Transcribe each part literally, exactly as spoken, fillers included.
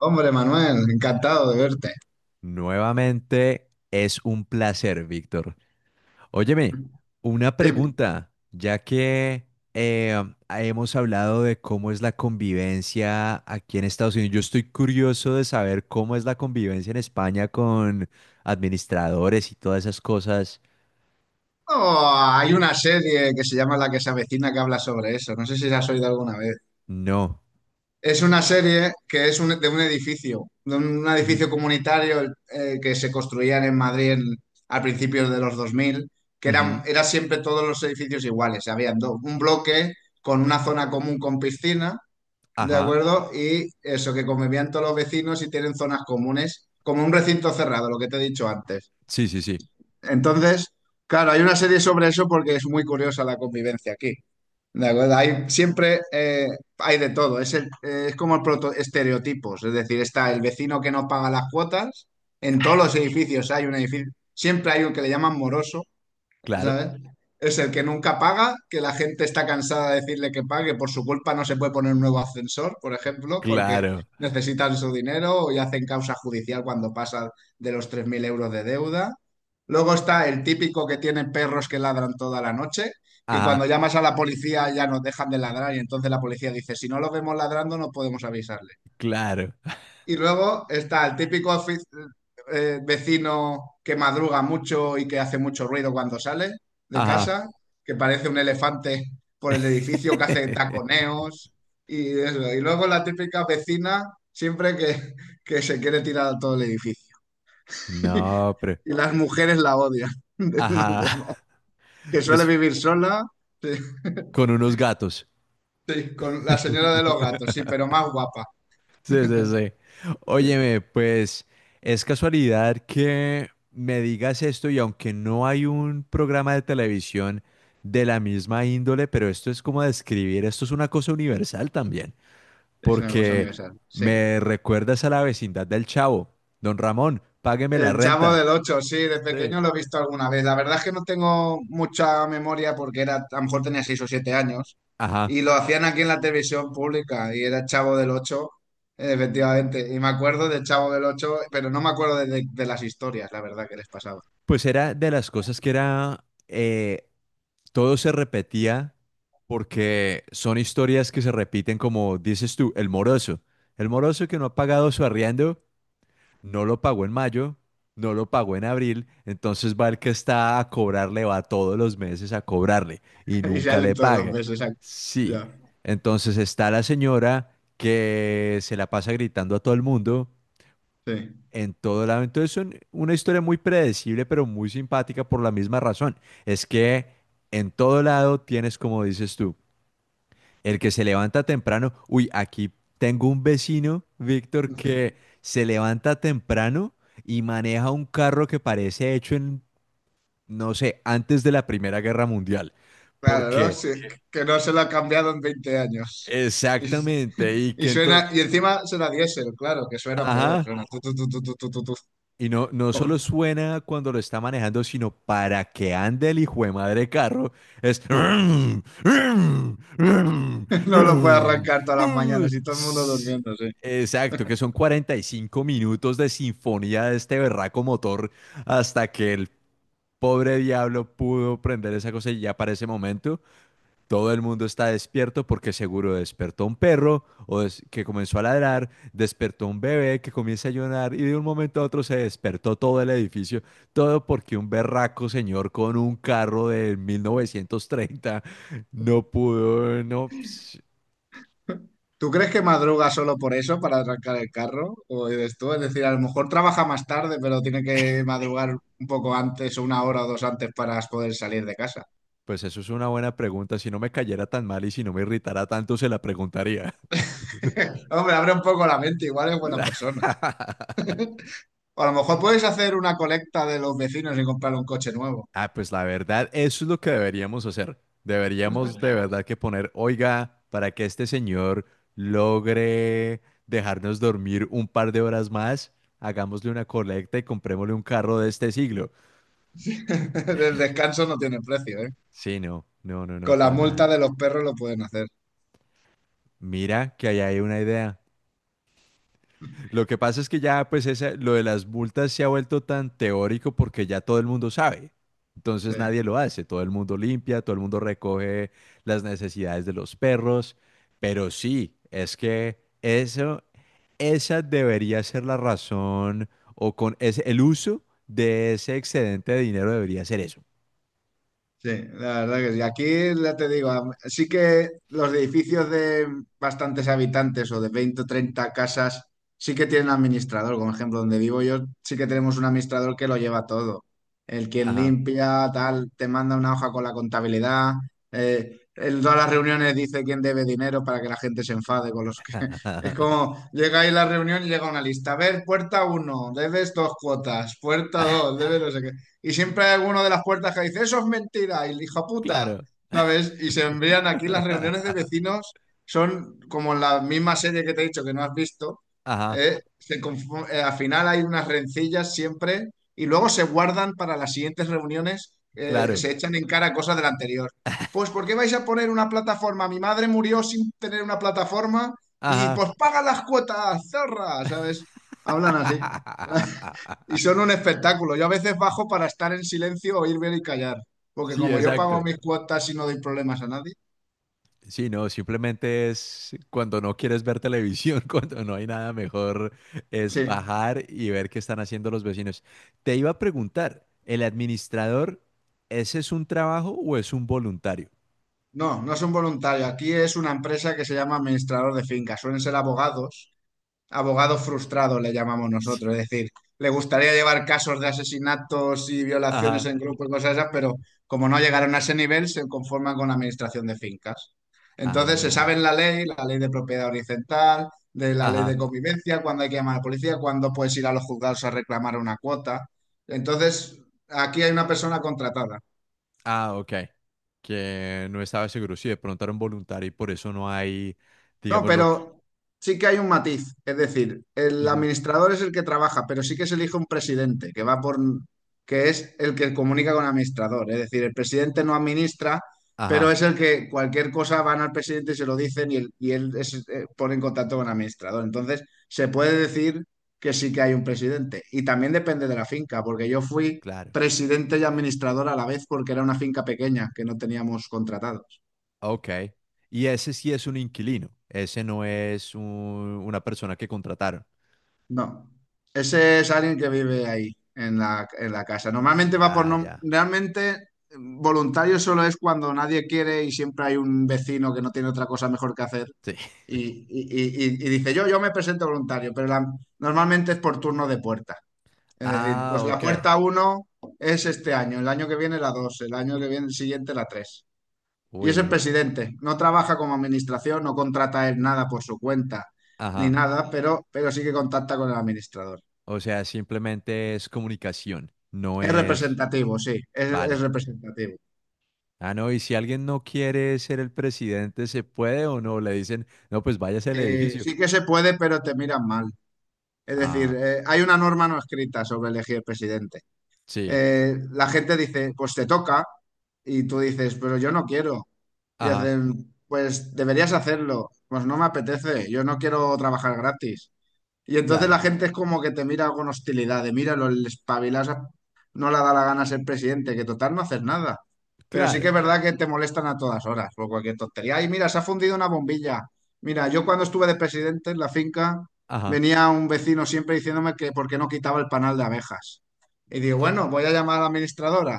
Hombre, Manuel, encantado de verte. Nuevamente es un placer, Víctor. Óyeme, una Dime. pregunta, ya que eh, hemos hablado de cómo es la convivencia aquí en Estados Unidos, yo estoy curioso de saber cómo es la convivencia en España con administradores y todas esas cosas. Oh, hay una serie que se llama La que se avecina que habla sobre eso. No sé si la has oído alguna vez. No. Es una serie que es un- de un edificio, de un, Ujú, edificio comunitario eh, que se construían en Madrid en- al principio de los dos mil, que ujú. eran, era siempre todos los edificios iguales. Habían do- un bloque con una zona común con piscina, ¿de Ajá. acuerdo? Y eso, que convivían todos los vecinos y tienen zonas comunes, como un recinto cerrado, lo que te he dicho antes. Sí, sí, sí. Entonces, claro, hay una serie sobre eso porque es muy curiosa la convivencia aquí. ¿De acuerdo? Hay siempre eh, hay de todo. Es, el- eh, es como el proto estereotipos. Es decir, está el vecino que no paga las cuotas. En todos los edificios hay un edificio. Siempre hay un que le llaman moroso, Claro, ¿sabes? Es el que nunca paga, que la gente está cansada de decirle que pague, por su culpa no se puede poner un nuevo ascensor, por ejemplo, porque claro. necesitan su dinero y hacen causa judicial cuando pasan de los tres mil euros de deuda. Luego está el típico que tiene perros que ladran toda la noche, que cuando Ajá, llamas a la policía ya nos dejan de ladrar y entonces la policía dice, si no los vemos ladrando no podemos avisarles. claro. Y luego está el típico ofi- eh, vecino que madruga mucho y que hace mucho ruido cuando sale de Ajá. casa, que parece un elefante por el edificio que hace taconeos y eso. Y luego la típica vecina siempre que, que se quiere tirar a todo el edificio. No, pero... Y las mujeres la odian. Ajá. Entonces, que suele Pues vivir sola, sí, con unos gatos. sí, con la señora de los gatos, sí, pero más guapa. Sí, sí, sí. Óyeme, pues es casualidad que me digas esto y aunque no hay un programa de televisión de la misma índole, pero esto es como describir, esto es una cosa universal también, Es una cosa porque universal, sí. me recuerdas a la vecindad del Chavo. Don Ramón, págueme la El Chavo renta. del Ocho, sí, de Sí. pequeño lo he visto alguna vez. La verdad es que no tengo mucha memoria porque era, a lo mejor tenía seis o siete años Ajá. y lo hacían aquí en la televisión pública y era Chavo del Ocho, eh, efectivamente. Y me acuerdo del Chavo del Ocho, pero no me acuerdo de, de- de las historias, la verdad, que les pasaba. Pues era de las cosas que era eh, todo se repetía porque son historias que se repiten como dices tú, el moroso. El moroso que no ha pagado su arriendo, no lo pagó en mayo, no lo pagó en abril, entonces va el que está a cobrarle, va todos los meses a cobrarle y Y nunca salen le todos los paga. meses. ac- Sí, Ya, entonces está la señora que se la pasa gritando a todo el mundo sí, en todo lado. Entonces son una historia muy predecible, pero muy simpática por la misma razón. Es que en todo lado tienes, como dices tú, el que se levanta temprano. Uy, aquí tengo un vecino, Víctor, que sí. se levanta temprano y maneja un carro que parece hecho en, no sé, antes de la Primera Guerra Mundial. Claro, ¿no? Porque, Sí, que no se lo ha cambiado en veinte años. Y, exactamente, y y que entonces, suena, y encima suena diésel, claro, que suena peor. ajá. Suena tu, tu, tu, tu, tu, tu, tu, tu. Y no, no solo suena cuando lo está manejando, sino para que ande el hijo de madre carro, es No lo puede arrancar todas las mañanas y todo el mundo S- durmiéndose. exacto, que son cuarenta y cinco minutos de sinfonía de este berraco motor hasta que el pobre diablo pudo prender esa cosa y ya para ese momento todo el mundo está despierto porque seguro despertó un perro o des- que comenzó a ladrar, despertó un bebé que comienza a llorar y de un momento a otro se despertó todo el edificio, todo porque un berraco señor con un carro de mil novecientos treinta no pudo, no, ps- ¿Tú crees que madruga solo por eso, para arrancar el carro? ¿O eres tú? Es decir, a lo mejor trabaja más tarde, pero tiene que madrugar un poco antes o una hora o dos antes para poder salir de casa. pues eso es una buena pregunta. Si no me cayera tan mal y si no me irritara tanto, se la preguntaría. Hombre, abre un poco la mente, igual es buena persona. O a lo mejor puedes hacer una colecta de los vecinos y comprar un coche nuevo. Ah, pues la verdad, eso es lo que deberíamos hacer. Deberíamos de verdad que poner, oiga, para que este señor logre dejarnos dormir un par de horas más, hagámosle una colecta y comprémosle un carro de este siglo. El descanso no tiene precio, ¿eh? Sí, no, no, no, no, Con la para nada. multa de los perros lo pueden hacer. Mira que ahí hay una idea. Lo que pasa es que ya, pues, esa- lo de las multas se ha vuelto tan teórico porque ya todo el mundo sabe. Entonces Sí. nadie lo hace. Todo el mundo limpia, todo el mundo recoge las necesidades de los perros. Pero sí, es que eso, esa debería ser la razón o con ese, el uso de ese excedente de dinero debería ser eso. Sí, la verdad que sí. Aquí ya te digo, am- sí que los edificios de bastantes habitantes o de veinte o treinta casas sí que tienen administrador. Como ejemplo, donde vivo yo, sí que tenemos un administrador que lo lleva todo. El quien Ajá. limpia, tal, te manda una hoja con la contabilidad. Eh, en todas las reuniones dice quién debe dinero para que la gente se enfade con los que... Es como, llega ahí la reunión y llega una lista. A ver, puerta uno debes dos cuotas. Puerta dos debes no sé qué y siempre hay alguno de las puertas que dice, eso es mentira, y el hijo puta, Claro. ¿sabes? Y se envían aquí las reuniones de vecinos, son como en la misma serie que te he dicho que no has visto, Ajá. ¿eh? Se confu- eh, al final hay unas rencillas siempre y luego se guardan para las siguientes reuniones, eh, Claro. se echan en cara cosas del anterior. Pues, ¿por qué vais a poner una plataforma? Mi madre murió sin tener una plataforma y Ajá. pues paga las cuotas, zorra, ¿sabes? Hablan así. Y son un espectáculo. Yo a veces bajo para estar en silencio, oír, ver y callar. Porque Sí, como yo pago exacto. mis cuotas y no doy problemas a nadie. Sí, no, simplemente es cuando no quieres ver televisión, cuando no hay nada mejor, es Sí. bajar y ver qué están haciendo los vecinos. Te iba a preguntar, ¿el administrador, ese es un trabajo o es un voluntario? No, no son voluntarios. Aquí es una empresa que se llama administrador de fincas. Suelen ser abogados. Abogado frustrado le llamamos Sí. nosotros, es decir, le gustaría llevar casos de asesinatos y violaciones Ajá. en grupos y cosas esas, pero como no llegaron a ese nivel, se conforman con la administración de fincas. Entonces se Ah, sabe la ley, la ley de propiedad horizontal, de la ley de ajá. convivencia, cuándo hay que llamar a la policía, cuándo puedes ir a los juzgados a reclamar una cuota. Entonces, aquí hay una persona contratada. Ah, ok. Que no estaba seguro si de pronto era un voluntario y por eso no hay, No, digamos, lo que... pero sí que hay un matiz. Es decir, el Ujú. administrador es el que trabaja, pero sí que se elige un presidente que va por, que es el que comunica con el administrador. Es decir, el presidente no administra, pero Ajá, es el que cualquier cosa van al presidente y se lo dicen y, él- y él es- eh, pone en contacto con el administrador. Entonces, se puede decir que sí que hay un presidente. Y también depende de la finca, porque yo fui claro. presidente y administrador a la vez porque era una finca pequeña que no teníamos contratado. Ok. Y ese sí es un inquilino. Ese no es un- una persona que contrataron. No, ese es alguien que vive ahí, en la, en la casa. Normalmente va por... Ya, nom- ya. Realmente voluntario solo es cuando nadie quiere y siempre hay un vecino que no tiene otra cosa mejor que hacer Sí. y, y- y- y- y dice, yo, yo me presento voluntario, pero la- normalmente es por turno de puerta. Es decir, Ah, pues la ok. puerta uno es este año, el año que viene la dos, el año que viene el siguiente la tres. Y Uy, es el no. presidente, no trabaja como administración, no contrata él nada por su cuenta ni Ajá. nada, pero, pero, sí que contacta con el administrador. O sea, simplemente es comunicación. No Es es. representativo, sí, es, es Vale. representativo. Ah, no. Y si alguien no quiere ser el presidente, ¿se puede o no? Le dicen, no, pues váyase al Eh, edificio. Sí que se puede, pero te miran mal. Es decir, Ah, eh, hay una norma no escrita sobre elegir presidente. sí. Eh, la gente dice, pues te toca, y tú dices, pero yo no quiero. Y Ajá. hacen, pues deberías hacerlo, pues no me apetece, yo no quiero trabajar gratis. Y entonces la Claro. gente es como que te mira con hostilidad, de míralo, el espabilasa no le da la gana ser presidente, que total no haces nada. Pero sí Claro. que es verdad que te molestan a todas horas por cualquier tontería. Ay, mira, se ha fundido una bombilla. Mira, yo cuando estuve de presidente en la finca, Ajá. venía un vecino siempre diciéndome que por qué no quitaba el panal de abejas. Y digo, bueno, voy a llamar a la administradora.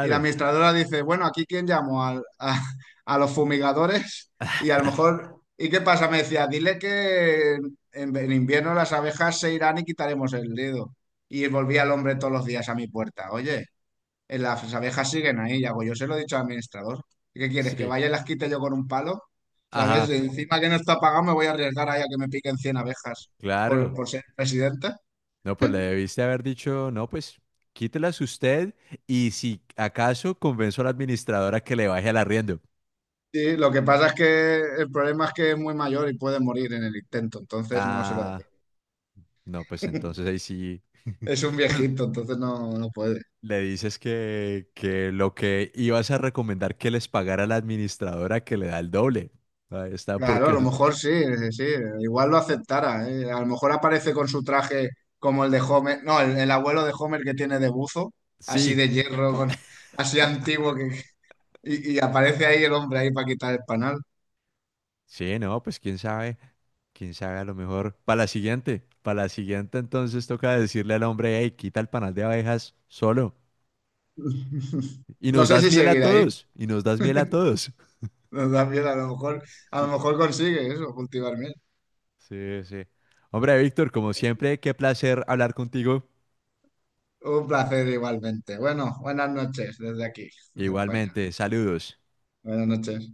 Y la administradora dice, bueno, ¿aquí quién llamo? Al- a, a los fumigadores. Y a lo mejor, ¿y qué pasa? Me decía, dile que en, en invierno las abejas se irán y quitaremos el dedo. Y volvía el hombre todos los días a mi puerta. Oye, eh, las abejas siguen ahí. Y hago, yo se lo he dicho al administrador. ¿Qué quieres? ¿Que Sí. vaya y las quite yo con un palo? ¿Sabes? Ajá. Encima que no está pagado me voy a arriesgar ahí a que me piquen cien abejas por, Claro. por ser presidente. No, pues le debiste haber dicho, no, pues quítelas usted y si acaso convenzo a la administradora que le baje al arriendo. Sí, lo que pasa es que el problema es que es muy mayor y puede morir en el intento, entonces no se lo dé. Ah, no, pues entonces ahí sí, Es un pues viejito, entonces no, no puede. le dices que, que lo que ibas a recomendar que les pagara a la administradora que le da el doble. Ahí está, Claro, porque a lo es- mejor sí, sí, sí, igual lo aceptara, ¿eh? A lo mejor aparece con su traje como el de Homer, no, el, el abuelo de Homer que tiene de buzo, así sí, de hierro, con- así antiguo, que, y, y aparece ahí el hombre ahí para quitar el panal. sí, no, pues quién sabe, quién sabe a lo mejor. Para la siguiente, para la siguiente entonces toca decirle al hombre, hey, quita el panal de abejas solo. Y No nos sé das si miel a seguirá ahí, todos, y nos das miel a todos. también a lo mejor, a lo Sí, mejor consigue eso, cultivarme. sí, sí. Hombre, Víctor, como siempre, qué placer hablar contigo. Un placer igualmente. Bueno, buenas noches desde aquí, desde España. Igualmente, saludos. Buenas noches.